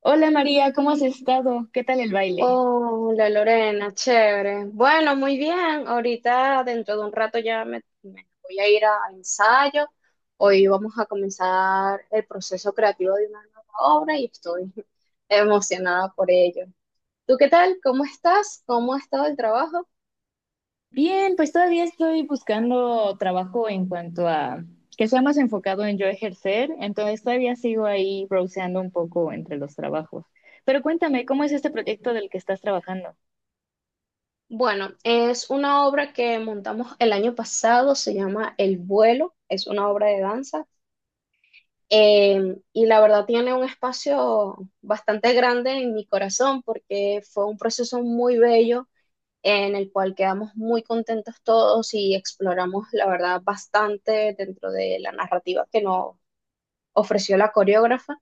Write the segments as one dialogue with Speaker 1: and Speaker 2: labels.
Speaker 1: Hola María, ¿cómo has estado? ¿Qué tal el baile?
Speaker 2: Oh, la Lorena, chévere. Bueno, muy bien. Ahorita, dentro de un rato ya me voy a ir a al ensayo. Hoy vamos a comenzar el proceso creativo de una nueva obra y estoy emocionada por ello. ¿Tú qué tal? ¿Cómo estás? ¿Cómo ha estado el trabajo?
Speaker 1: Bien, pues todavía estoy buscando trabajo en cuanto a que sea más enfocado en yo ejercer, entonces todavía sigo ahí browseando un poco entre los trabajos. Pero cuéntame, ¿cómo es este proyecto del que estás trabajando?
Speaker 2: Bueno, es una obra que montamos el año pasado, se llama El vuelo, es una obra de danza. Y la verdad tiene un espacio bastante grande en mi corazón porque fue un proceso muy bello en el cual quedamos muy contentos todos y exploramos la verdad bastante dentro de la narrativa que nos ofreció la coreógrafa.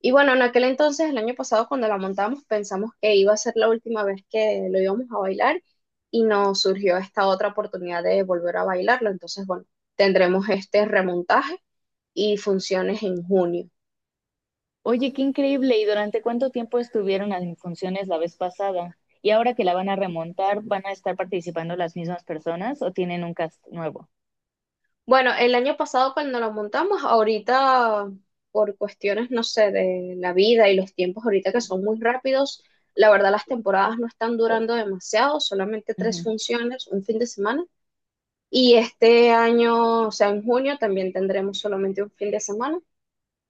Speaker 2: Y bueno, en aquel entonces, el año pasado cuando la montamos, pensamos que iba a ser la última vez que lo íbamos a bailar y nos surgió esta otra oportunidad de volver a bailarlo. Entonces, bueno, tendremos este remontaje y funciones en junio.
Speaker 1: Oye, qué increíble, ¿y durante cuánto tiempo estuvieron en funciones la vez pasada? ¿Y ahora que la van a remontar, van a estar participando las mismas personas o tienen un cast nuevo?
Speaker 2: Bueno, el año pasado cuando lo montamos, ahorita por cuestiones, no sé, de la vida y los tiempos ahorita que son muy rápidos, la verdad las temporadas no están durando demasiado, solamente tres funciones, un fin de semana. Y este año, o sea, en junio también tendremos solamente un fin de semana.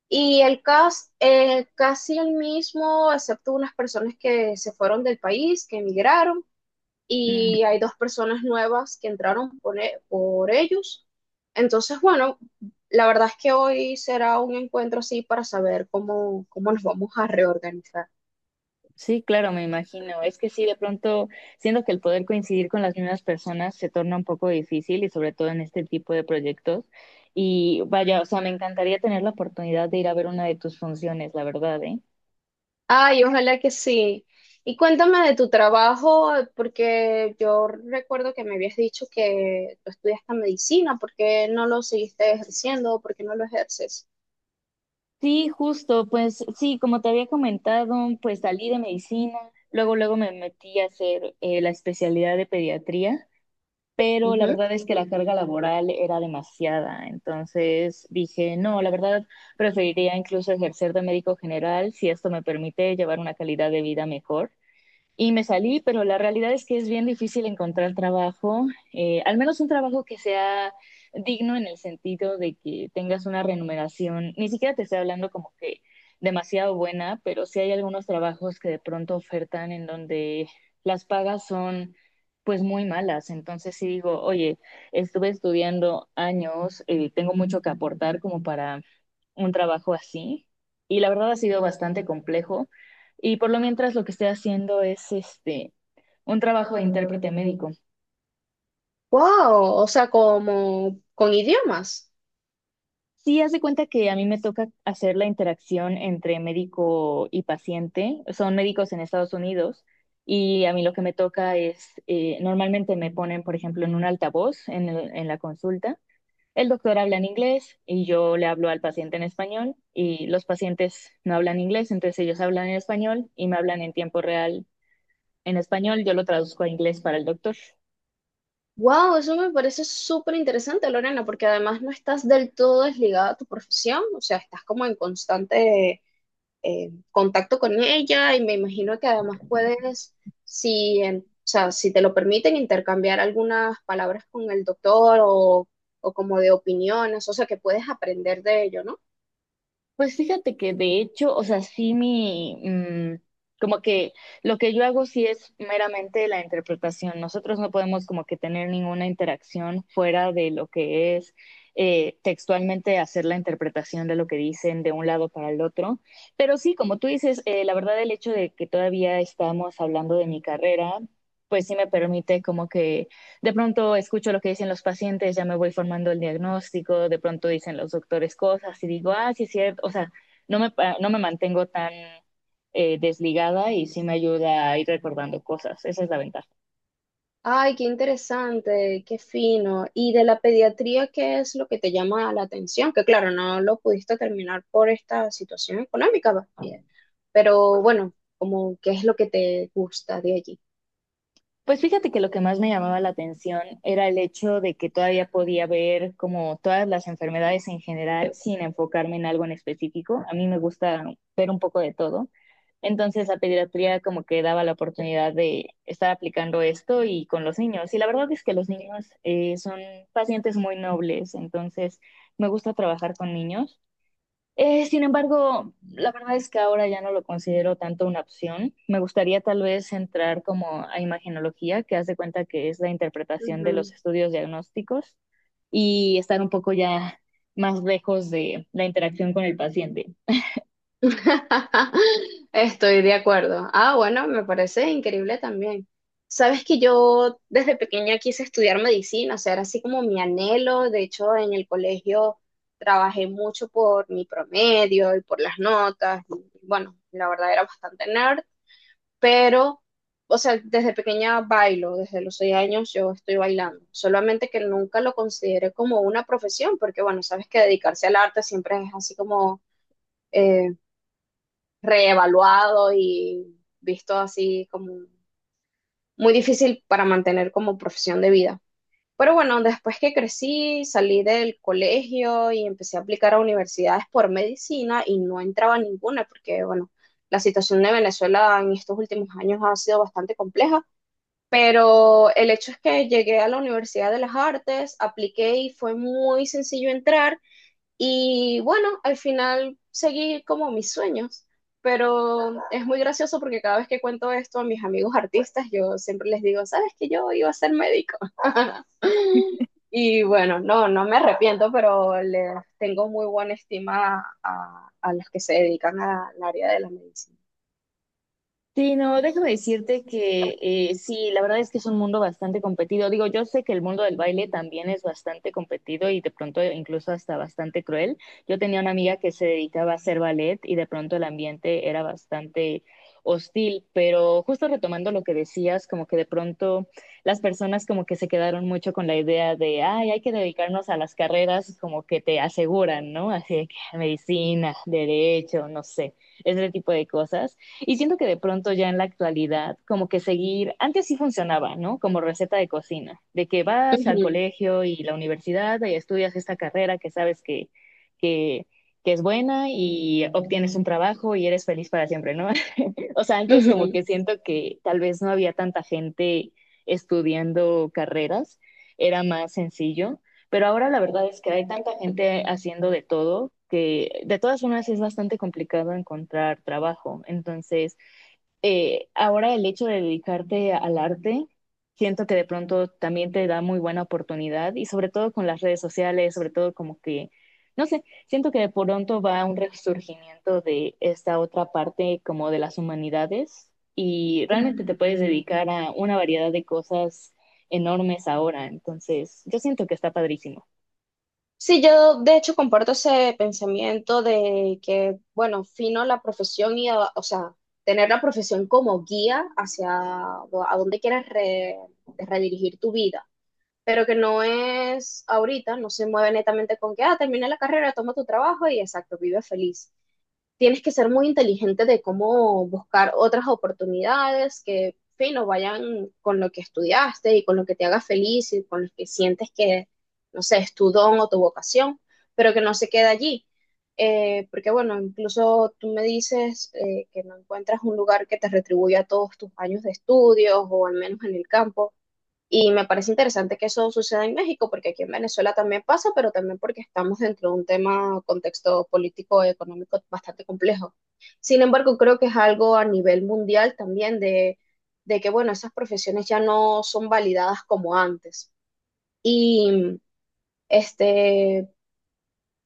Speaker 2: Y el cast, casi el mismo, excepto unas personas que se fueron del país, que emigraron
Speaker 1: Ujú.
Speaker 2: y hay dos personas nuevas que entraron por ellos. Entonces, bueno, la verdad es que hoy será un encuentro así para saber cómo, cómo nos vamos a reorganizar.
Speaker 1: Sí, claro, me imagino. Es que sí, de pronto, siento que el poder coincidir con las mismas personas se torna un poco difícil y sobre todo en este tipo de proyectos. Y vaya, o sea, me encantaría tener la oportunidad de ir a ver una de tus funciones, la verdad, ¿eh?
Speaker 2: Ay, ojalá que sí. Y cuéntame de tu trabajo, porque yo recuerdo que me habías dicho que tú estudiaste medicina, ¿por qué no lo seguiste ejerciendo? ¿Por qué no lo ejerces?
Speaker 1: Sí, justo, pues sí, como te había comentado, pues salí de medicina, luego luego me metí a hacer la especialidad de pediatría, pero la
Speaker 2: Ujú.
Speaker 1: verdad es que la carga laboral era demasiada. Entonces dije, no, la verdad preferiría incluso ejercer de médico general si esto me permite llevar una calidad de vida mejor, y me salí, pero la realidad es que es bien difícil encontrar trabajo, al menos un trabajo que sea digno en el sentido de que tengas una remuneración, ni siquiera te estoy hablando como que demasiado buena, pero sí hay algunos trabajos que de pronto ofertan en donde las pagas son pues muy malas. Entonces sí digo, oye, estuve estudiando años, tengo mucho que aportar como para un trabajo así. Y la verdad ha sido bastante complejo. Y por lo mientras lo que estoy haciendo es este un trabajo de intérprete médico.
Speaker 2: Wow, o sea, como con idiomas.
Speaker 1: Sí, haz de cuenta que a mí me toca hacer la interacción entre médico y paciente. Son médicos en Estados Unidos, y a mí lo que me toca es, normalmente me ponen, por ejemplo, en un altavoz en, en la consulta. El doctor habla en inglés y yo le hablo al paciente en español, y los pacientes no hablan inglés, entonces ellos hablan en español y me hablan en tiempo real en español. Yo lo traduzco a inglés para el doctor.
Speaker 2: Wow, eso me parece súper interesante, Lorena, porque además no estás del todo desligada a tu profesión, o sea, estás como en constante contacto con ella y me imagino que además puedes, si, o sea, si te lo permiten, intercambiar algunas palabras con el doctor o como de opiniones, o sea, que puedes aprender de ello, ¿no?
Speaker 1: Pues fíjate que de hecho, o sea, sí como que lo que yo hago sí es meramente la interpretación. Nosotros no podemos como que tener ninguna interacción fuera de lo que es textualmente hacer la interpretación de lo que dicen de un lado para el otro. Pero sí, como tú dices, la verdad el hecho de que todavía estamos hablando de mi carrera, pues sí me permite como que de pronto escucho lo que dicen los pacientes, ya me voy formando el diagnóstico, de pronto dicen los doctores cosas y digo, ah, sí es cierto, o sea, no me, no me mantengo tan desligada, y sí me ayuda a ir recordando cosas, esa es la ventaja.
Speaker 2: Ay, qué interesante, qué fino. ¿Y de la pediatría qué es lo que te llama la atención? Que claro, no lo pudiste terminar por esta situación económica, va, pero bueno, como qué es lo que te gusta de allí.
Speaker 1: Pues fíjate que lo que más me llamaba la atención era el hecho de que todavía podía ver como todas las enfermedades en general sin enfocarme en algo en específico. A mí me gusta ver un poco de todo. Entonces la pediatría como que daba la oportunidad de estar aplicando esto y con los niños. Y la verdad es que los niños son pacientes muy nobles, entonces me gusta trabajar con niños. Sin embargo, la verdad es que ahora ya no lo considero tanto una opción. Me gustaría tal vez entrar como a imagenología, que hace cuenta que es la interpretación de los
Speaker 2: Ujú.
Speaker 1: estudios diagnósticos, y estar un poco ya más lejos de la interacción con el paciente.
Speaker 2: Estoy de acuerdo. Ah, bueno, me parece increíble también. Sabes que yo desde pequeña quise estudiar medicina, o sea, era así como mi anhelo. De hecho, en el colegio trabajé mucho por mi promedio y por las notas. Y, bueno, la verdad era bastante nerd. Pero, o sea, desde pequeña bailo, desde los 6 años yo estoy bailando, solamente que nunca lo consideré como una profesión, porque bueno, sabes que dedicarse al arte siempre es así como eh, reevaluado y visto así como muy difícil para mantener como profesión de vida. Pero bueno, después que crecí, salí del colegio y empecé a aplicar a universidades por medicina y no entraba a ninguna porque, bueno, la situación de Venezuela en estos últimos años ha sido bastante compleja pero el hecho es que llegué a la Universidad de las Artes, apliqué y fue muy sencillo entrar y bueno, al final seguí como mis sueños. Pero es muy gracioso porque cada vez que cuento esto a mis amigos artistas, yo siempre les digo, ¿sabes que yo iba a ser médico? Y bueno, no, no me arrepiento, pero les tengo muy buena estima a los que se dedican al área de la medicina.
Speaker 1: Sí, no, déjame decirte que sí, la verdad es que es un mundo bastante competido. Digo, yo sé que el mundo del baile también es bastante competido y de pronto incluso hasta bastante cruel. Yo tenía una amiga que se dedicaba a hacer ballet y de pronto el ambiente era bastante hostil, pero justo retomando lo que decías, como que de pronto las personas como que se quedaron mucho con la idea de, ay, hay que dedicarnos a las carreras como que te aseguran, ¿no? Así de que medicina, derecho, no sé, ese tipo de cosas. Y siento que de pronto ya en la actualidad, como que seguir, antes sí funcionaba, ¿no? Como receta de cocina, de que vas al
Speaker 2: Ujú,
Speaker 1: colegio y la universidad y estudias esta carrera que sabes que, que, que es buena y obtienes un trabajo y eres feliz para siempre, ¿no? O sea, antes como que siento que tal vez no había tanta gente estudiando carreras, era más sencillo, pero ahora la verdad es que hay tanta gente haciendo de todo que de todas formas es bastante complicado encontrar trabajo. Entonces, ahora el hecho de dedicarte al arte, siento que de pronto también te da muy buena oportunidad y sobre todo con las redes sociales, sobre todo como que, no sé, siento que de pronto va un resurgimiento de esta otra parte como de las humanidades, y
Speaker 2: ujú.
Speaker 1: realmente te puedes dedicar a una variedad de cosas enormes ahora, entonces yo siento que está padrísimo.
Speaker 2: Sí, yo de hecho comparto ese pensamiento de que, bueno, fino la profesión y, o sea, tener la profesión como guía hacia a dónde quieres redirigir tu vida, pero que no es ahorita, no se mueve netamente con que, ah, termina la carrera, toma tu trabajo y exacto, vive feliz tienes que ser muy inteligente de cómo buscar otras oportunidades que, fino, vayan con lo que estudiaste y con lo que te haga feliz y con lo que sientes que, no sé, es tu don o tu vocación, pero que no se quede allí. Porque bueno, incluso tú me dices que no encuentras un lugar que te retribuya todos tus años de estudios o al menos en el campo y me parece interesante que eso suceda en México, porque aquí en Venezuela también pasa, pero también porque estamos dentro de un tema, contexto político y económico bastante complejo. Sin embargo, creo que es algo a nivel mundial también de que, bueno, esas profesiones ya no son validadas como antes. Y, este,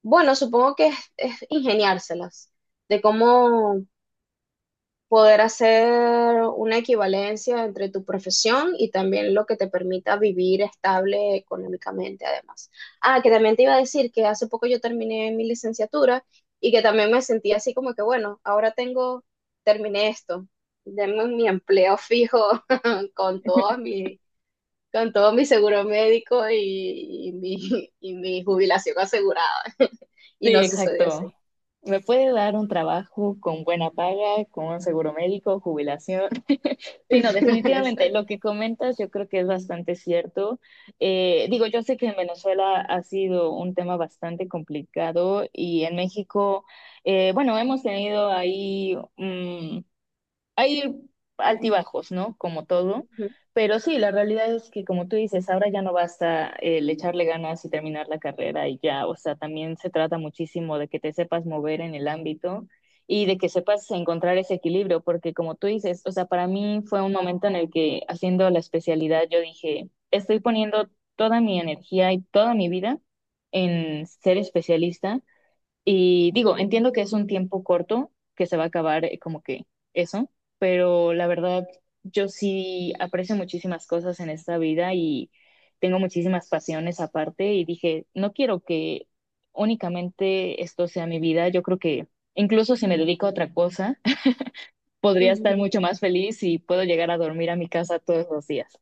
Speaker 2: bueno, supongo que es ingeniárselas de cómo poder hacer una equivalencia entre tu profesión y también lo que te permita vivir estable económicamente, además. Ah, que también te iba a decir que hace poco yo terminé mi licenciatura y que también me sentí así como que, bueno, ahora tengo, terminé esto, denme mi empleo fijo con todo mi, con todo mi seguro médico y mi, y mi jubilación asegurada. Y
Speaker 1: Sí,
Speaker 2: no sucedió así.
Speaker 1: exacto. Me puede dar un trabajo con buena paga, con un seguro médico, jubilación. Sí, no, definitivamente lo que comentas yo creo que es bastante cierto. Digo, yo sé que en Venezuela ha sido un tema bastante complicado, y en México, bueno, hemos tenido ahí hay altibajos, ¿no? Como todo.
Speaker 2: Exacto.
Speaker 1: Pero sí, la realidad es que, como tú dices, ahora ya no basta el echarle ganas y terminar la carrera y ya, o sea, también se trata muchísimo de que te sepas mover en el ámbito y de que sepas encontrar ese equilibrio, porque como tú dices, o sea, para mí fue un momento en el que haciendo la especialidad yo dije, estoy poniendo toda mi energía y toda mi vida en ser especialista, y digo, entiendo que es un tiempo corto, que se va a acabar como que eso, pero la verdad, yo sí aprecio muchísimas cosas en esta vida y tengo muchísimas pasiones aparte, y dije, no quiero que únicamente esto sea mi vida, yo creo que incluso si me dedico a otra cosa, podría estar mucho más feliz y puedo llegar a dormir a mi casa todos los días.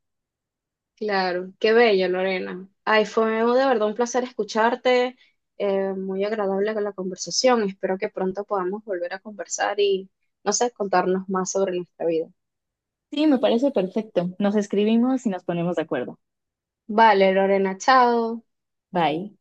Speaker 2: Claro, qué bello, Lorena. Ay, fue de verdad un placer escucharte, muy agradable con la conversación. Espero que pronto podamos volver a conversar y, no sé, contarnos más sobre nuestra vida.
Speaker 1: Sí, me parece perfecto. Nos escribimos y nos ponemos de acuerdo.
Speaker 2: Vale, Lorena, chao.
Speaker 1: Bye.